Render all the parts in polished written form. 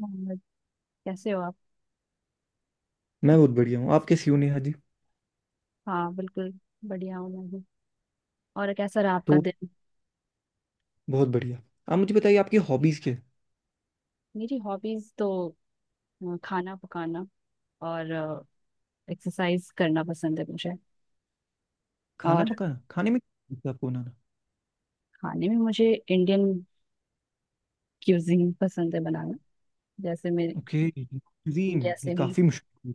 हाँ, कैसे हो आप। मैं बहुत बढ़िया हूँ। आप कैसी हो नेहा जी? हाँ, बिल्कुल। बढ़िया हूँ मैं भी। और कैसा रहा आपका तो, दिन? बहुत बढ़िया। आप मुझे बताइए आपकी हॉबीज क्या है? मेरी हॉबीज तो खाना पकाना और एक्सरसाइज करना पसंद है मुझे। और खाना पकाना, खाने में क्या लगता है आपको बनाना? खाने में मुझे इंडियन क्यूजीन पसंद है बनाना। जैसे मैं ओके, इंडिया क्यूजीन ये से ही। काफ़ी मुश्किल।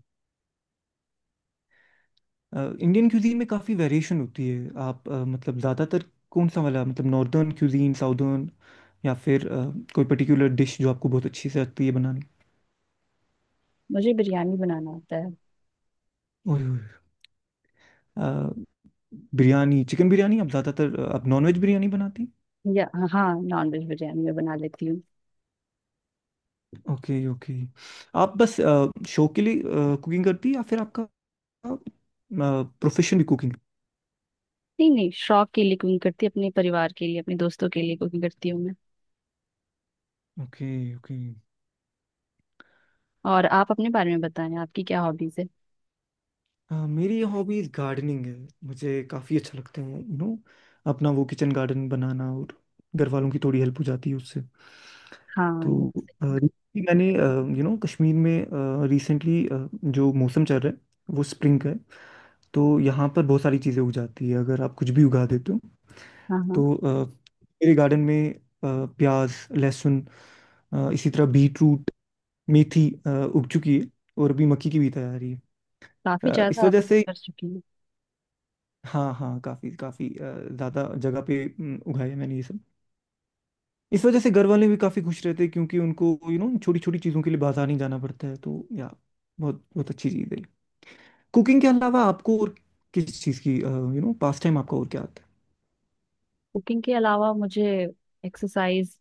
इंडियन क्यूजीन में काफ़ी वेरिएशन होती है। आप मतलब ज़्यादातर कौन सा वाला, मतलब नॉर्दर्न क्यूजीन, साउदर्न, या फिर कोई पर्टिकुलर डिश जो आपको बहुत अच्छी से लगती है बनानी? मुझे बिरयानी बनाना आता है। ओए, ओए, अ, बिरयानी, चिकन बिरयानी। आप ज़्यादातर आप नॉनवेज बिरयानी बनाती? या, हाँ, नॉन वेज बिरयानी मैं बना लेती हूँ। Okay, okay. आप बस शौक के लिए कुकिंग करती है, या फिर आपका प्रोफेशन भी कुकिंग? नहीं नहीं, शौक के लिए कुकिंग करती हूँ, अपने परिवार के लिए, अपने दोस्तों के लिए कुकिंग करती हूँ मैं। Okay, okay. और आप अपने बारे में बताएं, आपकी क्या हॉबीज है? हाँ, मेरी हॉबीज गार्डनिंग है। मुझे काफ़ी अच्छा लगता है अपना वो किचन गार्डन बनाना, और घर वालों की थोड़ी हेल्प हो जाती है उससे। हाँ, ये तो तो सही है। recently मैंने कश्मीर में, रिसेंटली जो मौसम चल रहा है वो स्प्रिंग का है। तो यहाँ पर बहुत सारी चीज़ें उग जाती है, अगर आप कुछ भी उगा देते हो। हाँ हाँ, तो मेरे गार्डन में प्याज, लहसुन, इसी तरह बीट रूट, मेथी, उग चुकी है, और अभी मक्की की भी तैयारी है। काफी इस ज्यादा वजह आपने से, कर चुकी हूँ। हाँ, हाँ, काफ़ी काफ़ी ज़्यादा जगह पे उगाया है मैंने ये सब। इस वजह से घर वाले भी काफ़ी खुश रहते हैं, क्योंकि उनको छोटी छोटी चीज़ों के लिए बाजार नहीं जाना पड़ता है, तो या बहुत बहुत अच्छी चीज़ है। कुकिंग के अलावा आपको और किस चीज़ की पास टाइम आपका और क्या आता है? कुकिंग के अलावा मुझे एक्सरसाइज,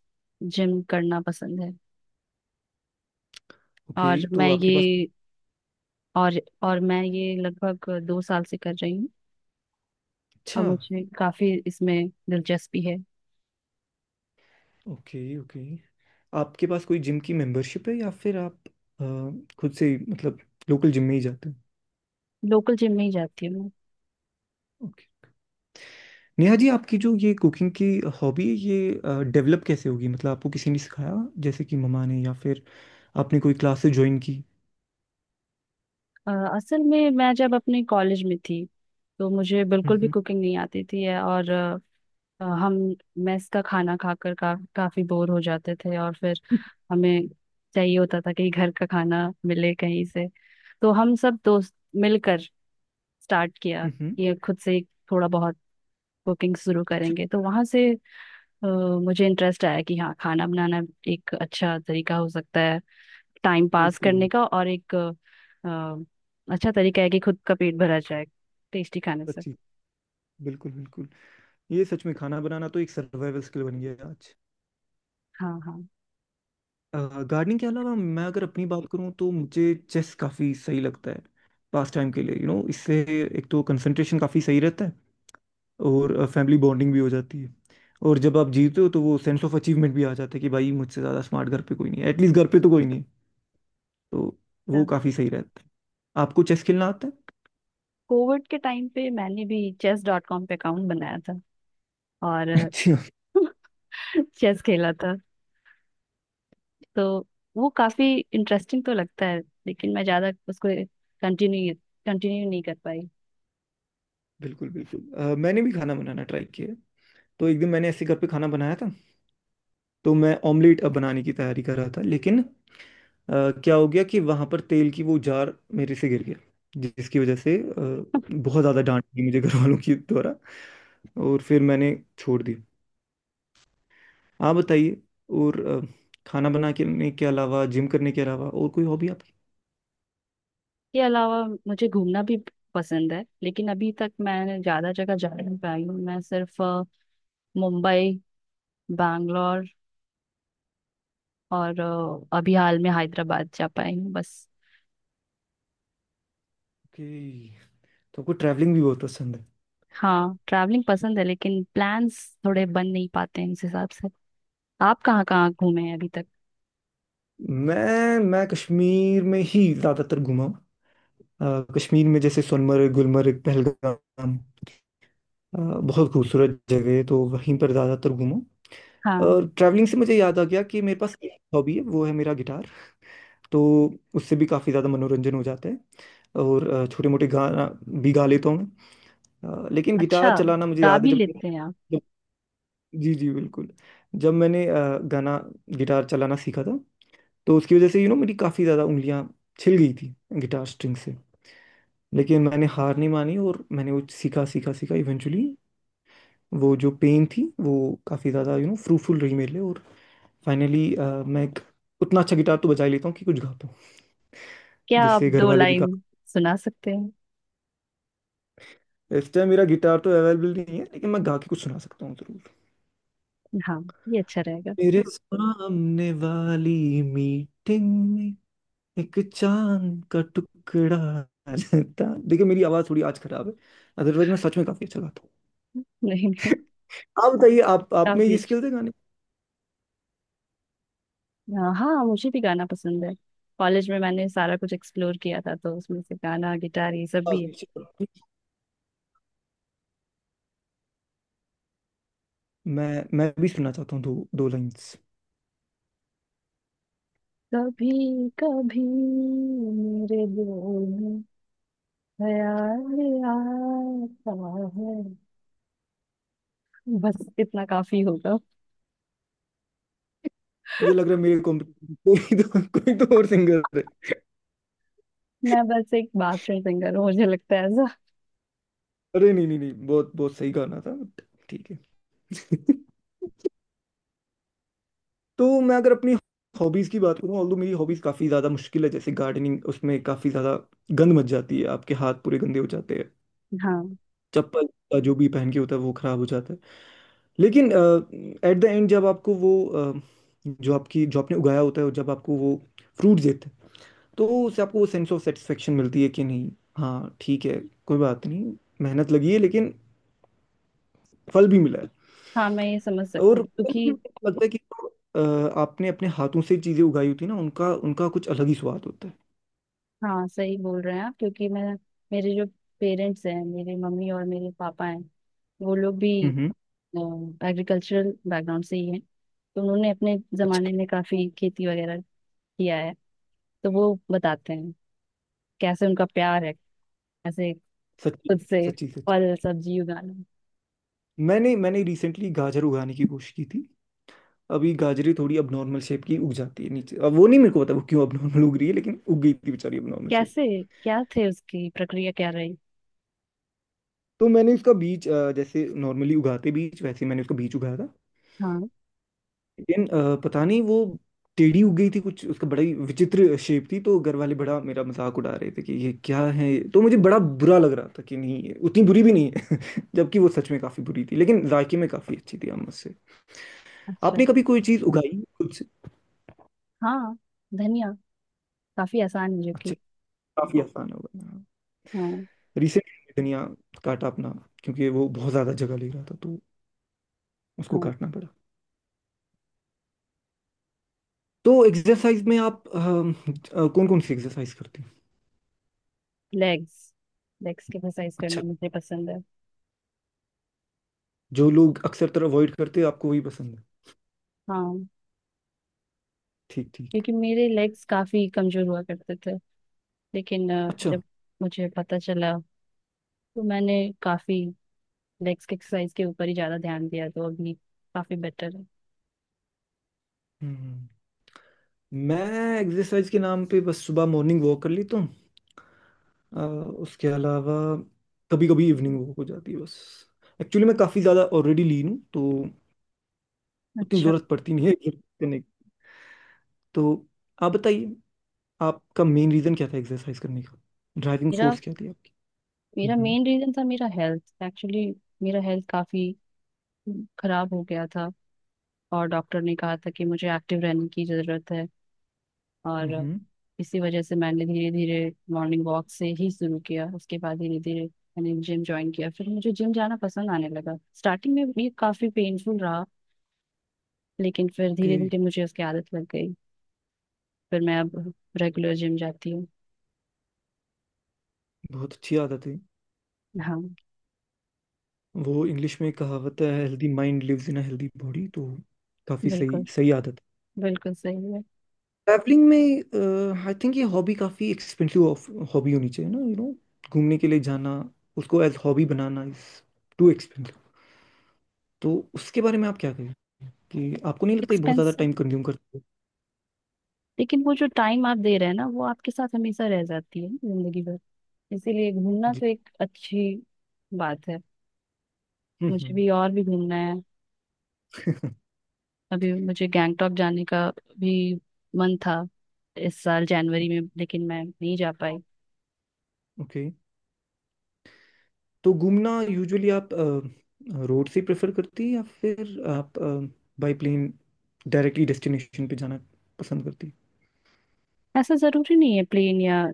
जिम करना पसंद है। ओके, और तो मैं ये आपके पास। और और मैं ये लगभग 2 साल से कर रही हूँ। और अच्छा। मुझे काफी इसमें दिलचस्पी है। Okay, okay. आपके पास कोई जिम की मेंबरशिप है, या फिर आप अ, खुद से ही, मतलब लोकल जिम में ही जाते लोकल जिम में ही जाती हूँ मैं। हैं? नेहा जी, आपकी जो ये कुकिंग की हॉबी है, ये डेवलप कैसे होगी? मतलब आपको किसी ने सिखाया जैसे कि मम्मा ने, या फिर आपने कोई क्लासेस ज्वाइन की? असल में मैं जब अपने कॉलेज में थी तो मुझे बिल्कुल भी हम्म। कुकिंग नहीं आती थी। और हम मेस का खाना खाकर काफी बोर हो जाते थे और फिर हमें चाहिए होता था कि घर का खाना मिले कहीं से। तो हम सब दोस्त मिलकर स्टार्ट किया, हम्म। ये खुद से ही थोड़ा बहुत कुकिंग शुरू अच्छा। करेंगे, तो वहां से अ, मुझे इंटरेस्ट आया कि हाँ, खाना बनाना एक अच्छा तरीका हो सकता है टाइम सर्वाइवल पास स्किल करने होगी। का, और एक अच्छा तरीका है कि खुद का पेट भरा जाए टेस्टी खाने से। सच्ची। बिल्कुल, बिल्कुल। ये सच में खाना बनाना तो एक सर्वाइवल स्किल बन गया है आज। हाँ हाँ। गार्डनिंग के अलावा, मैं अगर अपनी बात करूँ, तो मुझे चेस काफ़ी सही लगता है पास टाइम के लिए। यू you नो know, इससे एक तो कंसंट्रेशन काफ़ी सही रहता है, और फैमिली बॉन्डिंग भी हो जाती है। और जब आप जीते हो, तो वो सेंस ऑफ अचीवमेंट भी आ जाता है कि भाई, मुझसे ज़्यादा स्मार्ट घर पे कोई नहीं है, एटलीस्ट घर पे तो कोई नहीं है। तो वो काफ़ी सही रहता है। आपको चेस खेलना आता है? कोविड के टाइम पे मैंने भी chess.com पे अकाउंट बनाया था और अच्छा। चेस खेला था। तो वो काफी इंटरेस्टिंग तो लगता है, लेकिन मैं ज्यादा उसको कंटिन्यू कंटिन्यू नहीं कर पाई। बिल्कुल, बिल्कुल। मैंने भी खाना बनाना ट्राई किया है। तो एक दिन मैंने ऐसे घर पे खाना बनाया था, तो मैं ऑमलेट अब बनाने की तैयारी कर रहा था, लेकिन क्या हो गया कि वहां पर तेल की वो जार मेरे से गिर गया, जिसकी वजह से बहुत ज़्यादा डांट थी मुझे घर वालों की द्वारा, और फिर मैंने छोड़ दिया। आप बताइए। और खाना बनाने के अलावा, जिम करने के अलावा, और कोई हॉबी आपकी? के अलावा मुझे घूमना भी पसंद है, लेकिन अभी तक मैं ज्यादा जगह जा नहीं पाई हूँ। मैं सिर्फ मुंबई, बैंगलोर और अभी हाल में हैदराबाद जा पाई हूँ बस। ओके, तो आपको ट्रैवलिंग भी बहुत पसंद है। हाँ, ट्रैवलिंग पसंद है, लेकिन प्लान्स थोड़े बन नहीं पाते हैं उस हिसाब से। आप कहाँ कहाँ घूमे हैं अभी तक? मैं कश्मीर में ही ज़्यादातर घूमा हूँ। कश्मीर में जैसे सोनमर्ग, गुलमर्ग, पहलगाम, बहुत खूबसूरत जगह है, तो वहीं पर ज़्यादातर घूमा हूँ। हाँ। और ट्रैवलिंग से मुझे याद आ गया कि मेरे पास एक हॉबी है, वो है मेरा गिटार। तो उससे भी काफ़ी ज़्यादा मनोरंजन हो जाता है, और छोटे मोटे गाना भी गा लेता हूँ मैं। लेकिन अच्छा, गिटार चलाना मुझे गा याद है भी जब। लेते हैं आप? जी, जी, बिल्कुल। जब मैंने गाना गिटार चलाना सीखा था, तो उसकी वजह से मेरी काफ़ी ज़्यादा उंगलियां छिल गई थी, गिटार स्ट्रिंग से। लेकिन मैंने हार नहीं मानी, और मैंने वो सीखा, सीखा, सीखा, इवेंचुअली वो जो पेन थी, वो काफ़ी ज़्यादा फ्रूटफुल रही मेरे लिए, और फाइनली मैं एक उतना अच्छा गिटार तो बजा ही लेता हूँ कि कुछ गा पाऊँ, क्या आप जिससे घर दो वाले भी गा। लाइन सुना सकते हैं? इस टाइम मेरा गिटार तो अवेलेबल नहीं है, लेकिन मैं गा के कुछ सुना सकता हूँ ज़रूर। हाँ, ये अच्छा रहेगा। मेरे सामने वाली मीटिंग, एक चांद का टुकड़ा रहता। देखिए, मेरी आवाज थोड़ी आज खराब है, अदरवाइज मैं सच में काफी अच्छा गाता हूँ। नहीं नहीं, आप बताइए, आप में काफी ये अच्छा। स्किल्स है गाने हाँ हाँ, मुझे भी गाना पसंद है। कॉलेज में मैंने सारा कुछ एक्सप्लोर किया था, तो उसमें से गाना, गिटार, ये सब की? भी है। मैं भी सुनना चाहता हूँ दो दो लाइंस। कभी कभी मेरे दिल में ख्याल आता है। बस इतना काफी होगा। मुझे लग रहा है मेरे को कोई तो कोई तो और सिंगर है। मैं बस एक बाथरूम सिंगर हूँ, मुझे लगता है ऐसा। अरे नहीं, नहीं, नहीं, बहुत बहुत सही गाना था, but ठीक है। तो मैं अगर अपनी हॉबीज की बात करूँ, ऑल्दो मेरी हॉबीज काफी ज्यादा मुश्किल है, जैसे गार्डनिंग, उसमें काफी ज्यादा गंद मच जाती है, आपके हाथ पूरे गंदे हो जाते हैं। हाँ, चप्पल, जो भी पहन के होता है वो खराब हो जाता है। लेकिन एट द एंड जब आपको वो जो आपकी जो आपने उगाया होता है, और जब आपको वो फ्रूट देते हैं, तो उससे आपको वो सेंस ऑफ सेटिस्फेक्शन मिलती है, कि नहीं? हाँ, ठीक है, कोई बात नहीं। मेहनत लगी है, लेकिन फल भी मिला है। हाँ, मैं ये समझ सकती और हूँ, क्योंकि लगता है कि आपने अपने हाथों से चीजें उगाई होती है ना, उनका उनका कुछ अलग ही स्वाद होता है। हाँ, सही बोल रहे हैं आप। क्योंकि मैं, मेरे जो पेरेंट्स हैं, मेरे मम्मी और मेरे पापा हैं, वो लोग भी हम्म। एग्रीकल्चरल बैकग्राउंड से ही हैं, तो उन्होंने अपने अच्छा। जमाने में काफी खेती वगैरह किया है। तो वो बताते हैं, कैसे उनका प्यार है, कैसे सच्ची, खुद से सच्ची, सच्ची। फल सब्जी उगाना, मैंने मैंने रिसेंटली गाजर उगाने की कोशिश की थी। अभी गाजरे थोड़ी अब नॉर्मल शेप की उग जाती है नीचे, अब वो नहीं, मेरे को पता वो क्यों अब नॉर्मल उग रही है, लेकिन उग गई थी बेचारी अब नॉर्मल शेप। कैसे, क्या थे उसकी प्रक्रिया क्या रही। तो मैंने उसका बीज, जैसे नॉर्मली उगाते बीज, वैसे ही मैंने उसका बीज उगाया था। हाँ। लेकिन पता नहीं वो टेढ़ी उग गई थी कुछ, उसका बड़ा ही विचित्र शेप थी, तो घर वाले बड़ा मेरा मजाक उड़ा रहे थे कि ये क्या है, तो मुझे बड़ा बुरा लग रहा था कि नहीं, ये उतनी बुरी भी नहीं है। जबकि वो सच में काफी बुरी थी, लेकिन जायके में काफी अच्छी थी आम से। अच्छा। आपने कभी कोई चीज उगाई कुछ? हाँ, धनिया काफी आसान है जो अच्छा, कि। काफी आसान होगा। हाँ रिसेंटली धनिया काटा अपना, क्योंकि वो बहुत ज़्यादा जगह ले रहा था, तो उसको हाँ। काटना पड़ा। तो एक्सरसाइज में आप कौन कौन सी एक्सरसाइज करते हैं? लेग्स, लेग्स की एक्सरसाइज करना अच्छा, मुझे पसंद है। जो लोग अक्सर तरह अवॉइड करते हैं, आपको वही पसंद है। हाँ। ठीक, ठीक, क्योंकि मेरे लेग्स काफी कमजोर हुआ करते थे। लेकिन अच्छा, जब मुझे पता चला, तो मैंने काफी लेग्स की एक्सरसाइज के ऊपर ही ज्यादा ध्यान दिया, तो अभी काफी बेटर है। हम्म। मैं एक्सरसाइज के नाम पे बस सुबह मॉर्निंग वॉक कर लेता हूँ। अ, उसके अलावा कभी कभी इवनिंग वॉक हो जाती है, बस। एक्चुअली मैं काफ़ी ज़्यादा ऑलरेडी लीन हूँ, तो उतनी अच्छा। ज़रूरत पड़ती नहीं है exercise करने की। तो आप बताइए, आपका मेन रीजन क्या था एक्सरसाइज करने का? ड्राइविंग मेरा फोर्स क्या थी आपकी? मेरा हम्म, मेन रीजन था, मेरा हेल्थ एक्चुअली। मेरा हेल्थ काफी खराब हो गया था, और डॉक्टर ने कहा था कि मुझे एक्टिव रहने की जरूरत है। और हम्म, इसी वजह से मैंने धीरे धीरे मॉर्निंग वॉक से ही शुरू किया, उसके बाद धीरे धीरे मैंने जिम ज्वाइन किया, फिर मुझे जिम जाना पसंद आने लगा। स्टार्टिंग में ये काफी पेनफुल रहा, लेकिन फिर ओके। धीरे धीरे मुझे उसकी आदत लग गई। फिर मैं अब रेगुलर जिम जाती हूँ। बहुत अच्छी आदत है। हाँ। वो इंग्लिश में कहावत है, healthy mind lives in a healthy body, तो काफी बिल्कुल, सही सही आदत है। बिल्कुल सही है। ट्रैवलिंग में आई थिंक ये हॉबी काफी एक्सपेंसिव हॉबी होनी चाहिए ना। घूमने के लिए जाना, उसको एज हॉबी बनाना इज टू एक्सपेंसिव। तो उसके बारे में आप क्या कहें, कि आपको नहीं लगता ये बहुत ज्यादा एक्सपेंसिव, टाइम कंज्यूम करती है? लेकिन वो जो टाइम आप दे रहे हैं ना, वो आपके साथ हमेशा रह जाती है जिंदगी भर। इसीलिए घूमना जी। तो एक अच्छी बात है। मुझे हम्म। भी और भी घूमना है। अभी मुझे गैंगटॉक जाने का भी मन था इस साल जनवरी में, लेकिन मैं नहीं जा पाई। ओके। तो घूमना यूजुअली आप रोड से प्रेफर करती है, या फिर आप बाय प्लेन डायरेक्टली डेस्टिनेशन पे जाना पसंद करती है? ऐसा जरूरी नहीं है प्लेन या,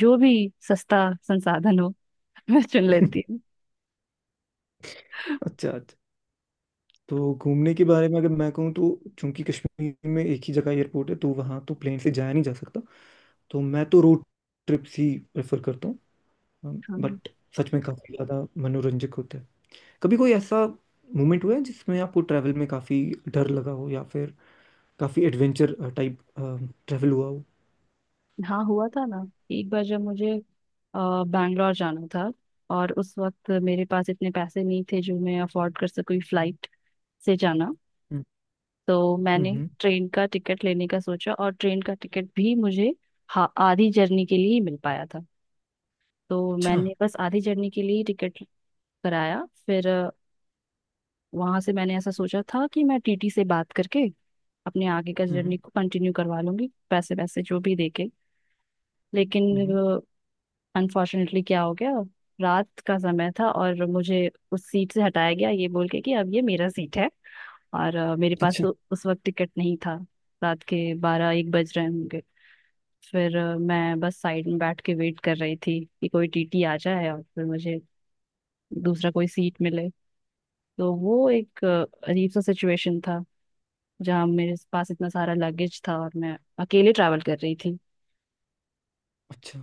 जो भी सस्ता संसाधन हो मैं चुन लेती हूँ। अच्छा, अच्छा। तो घूमने के बारे में अगर मैं कहूँ, तो चूंकि कश्मीर में एक ही जगह एयरपोर्ट है, तो वहाँ तो प्लेन से जाया नहीं जा सकता। तो मैं तो रोड ट्रिप्स ही प्रेफर करता हूँ, हाँ बट सच में काफ़ी ज़्यादा मनोरंजक होता है। कभी कोई ऐसा मोमेंट हुआ है जिसमें आपको ट्रैवल में काफ़ी डर लगा हो, या फिर काफ़ी एडवेंचर टाइप ट्रैवल हुआ हो? हाँ, हुआ था ना। एक बार जब मुझे अ, बैंगलोर जाना था, और उस वक्त मेरे पास इतने पैसे नहीं थे जो मैं अफोर्ड कर सकूँ फ्लाइट से जाना। तो मैंने हम्म, ट्रेन का टिकट लेने का सोचा, और ट्रेन का टिकट भी मुझे आधी जर्नी के लिए ही मिल पाया था। तो अच्छा, मैंने बस आधी जर्नी के लिए टिकट कराया। फिर वहां से मैंने ऐसा सोचा था कि मैं TT से बात करके अपने आगे का हम्म, जर्नी को कंटिन्यू करवा लूंगी, पैसे पैसे जो भी देके। लेकिन हम्म, अनफॉर्चुनेटली क्या हो गया, रात का समय था और मुझे उस सीट से हटाया गया ये बोल के कि अब ये मेरा सीट है। और मेरे पास अच्छा, तो उस वक्त टिकट नहीं था। रात के 12-1 बज रहे होंगे। फिर मैं बस साइड में बैठ के वेट कर रही थी कि कोई TT आ जाए और फिर मुझे दूसरा कोई सीट मिले। तो वो एक अजीब सा सिचुएशन था, जहाँ मेरे पास इतना सारा लगेज था और मैं अकेले ट्रैवल कर रही थी। अच्छा,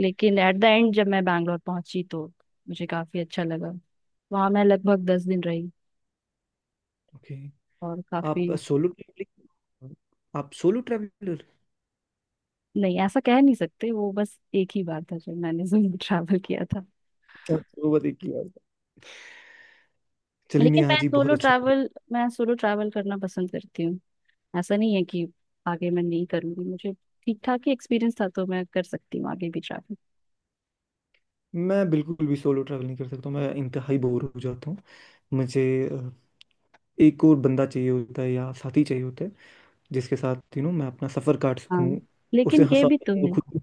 लेकिन एट द एंड जब मैं बैंगलोर पहुंची, तो मुझे काफी अच्छा लगा। वहां मैं लगभग 10 दिन रही ओके। और काफी। आप सोलो ट्रैवलिंग आप सोलो ट्रैवलर? नहीं, ऐसा कह नहीं सकते, वो बस एक ही बार था जब मैंने सोलो ट्रैवल किया था। अच्छा, वो बताइए की बात है। चलिए लेकिन नेहा जी, बहुत अच्छा था। मैं सोलो ट्रैवल करना पसंद करती हूँ। ऐसा नहीं है कि आगे मैं नहीं करूंगी, मुझे ठीक ठाक ही एक्सपीरियंस था तो मैं कर सकती हूँ आगे भी ट्रैवल। मैं बिल्कुल भी सोलो ट्रैवल नहीं कर सकता हूँ, मैं इंतहाई बोर हो जाता हूँ। मुझे अ, एक और बंदा चाहिए होता है, या साथी चाहिए होता है, जिसके साथ मैं अपना सफ़र काट हाँ। सकूँ, उसे लेकिन ये हंसा भी तो सकूँ है खुद।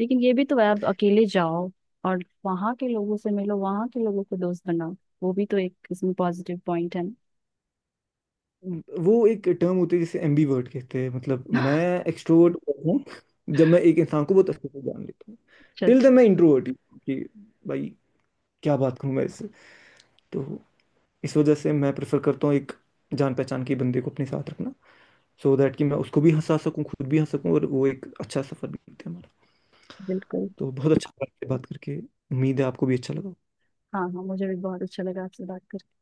लेकिन ये भी तो है, आप अकेले जाओ और वहां के लोगों से मिलो, वहां के लोगों को दोस्त बनाओ। वो भी तो एक इसमें पॉजिटिव पॉइंट है ना। वो एक टर्म होती है जिसे एम्बीवर्ट कहते हैं, मतलब मैं एक्सट्रोवर्ट हूँ, जब मैं एक इंसान को बहुत अच्छे से जान लेता हूँ। अच्छा, टिल अच्छा। देन मैं इंट्रोवर्ट ही हूँ कि भाई, क्या बात करूँ मैं इससे। तो इस वजह से मैं प्रेफर करता हूँ एक जान पहचान के बंदे को अपने साथ रखना, so दैट कि मैं उसको भी हंसा सकूँ, खुद भी हंस सकूँ, और वो एक अच्छा सफर भी बीते हमारा। बिल्कुल। तो बहुत अच्छा लगा आपसे बात करके, उम्मीद है आपको भी अच्छा लगा। हाँ हाँ, मुझे भी बहुत अच्छा लगा आपसे बात करके।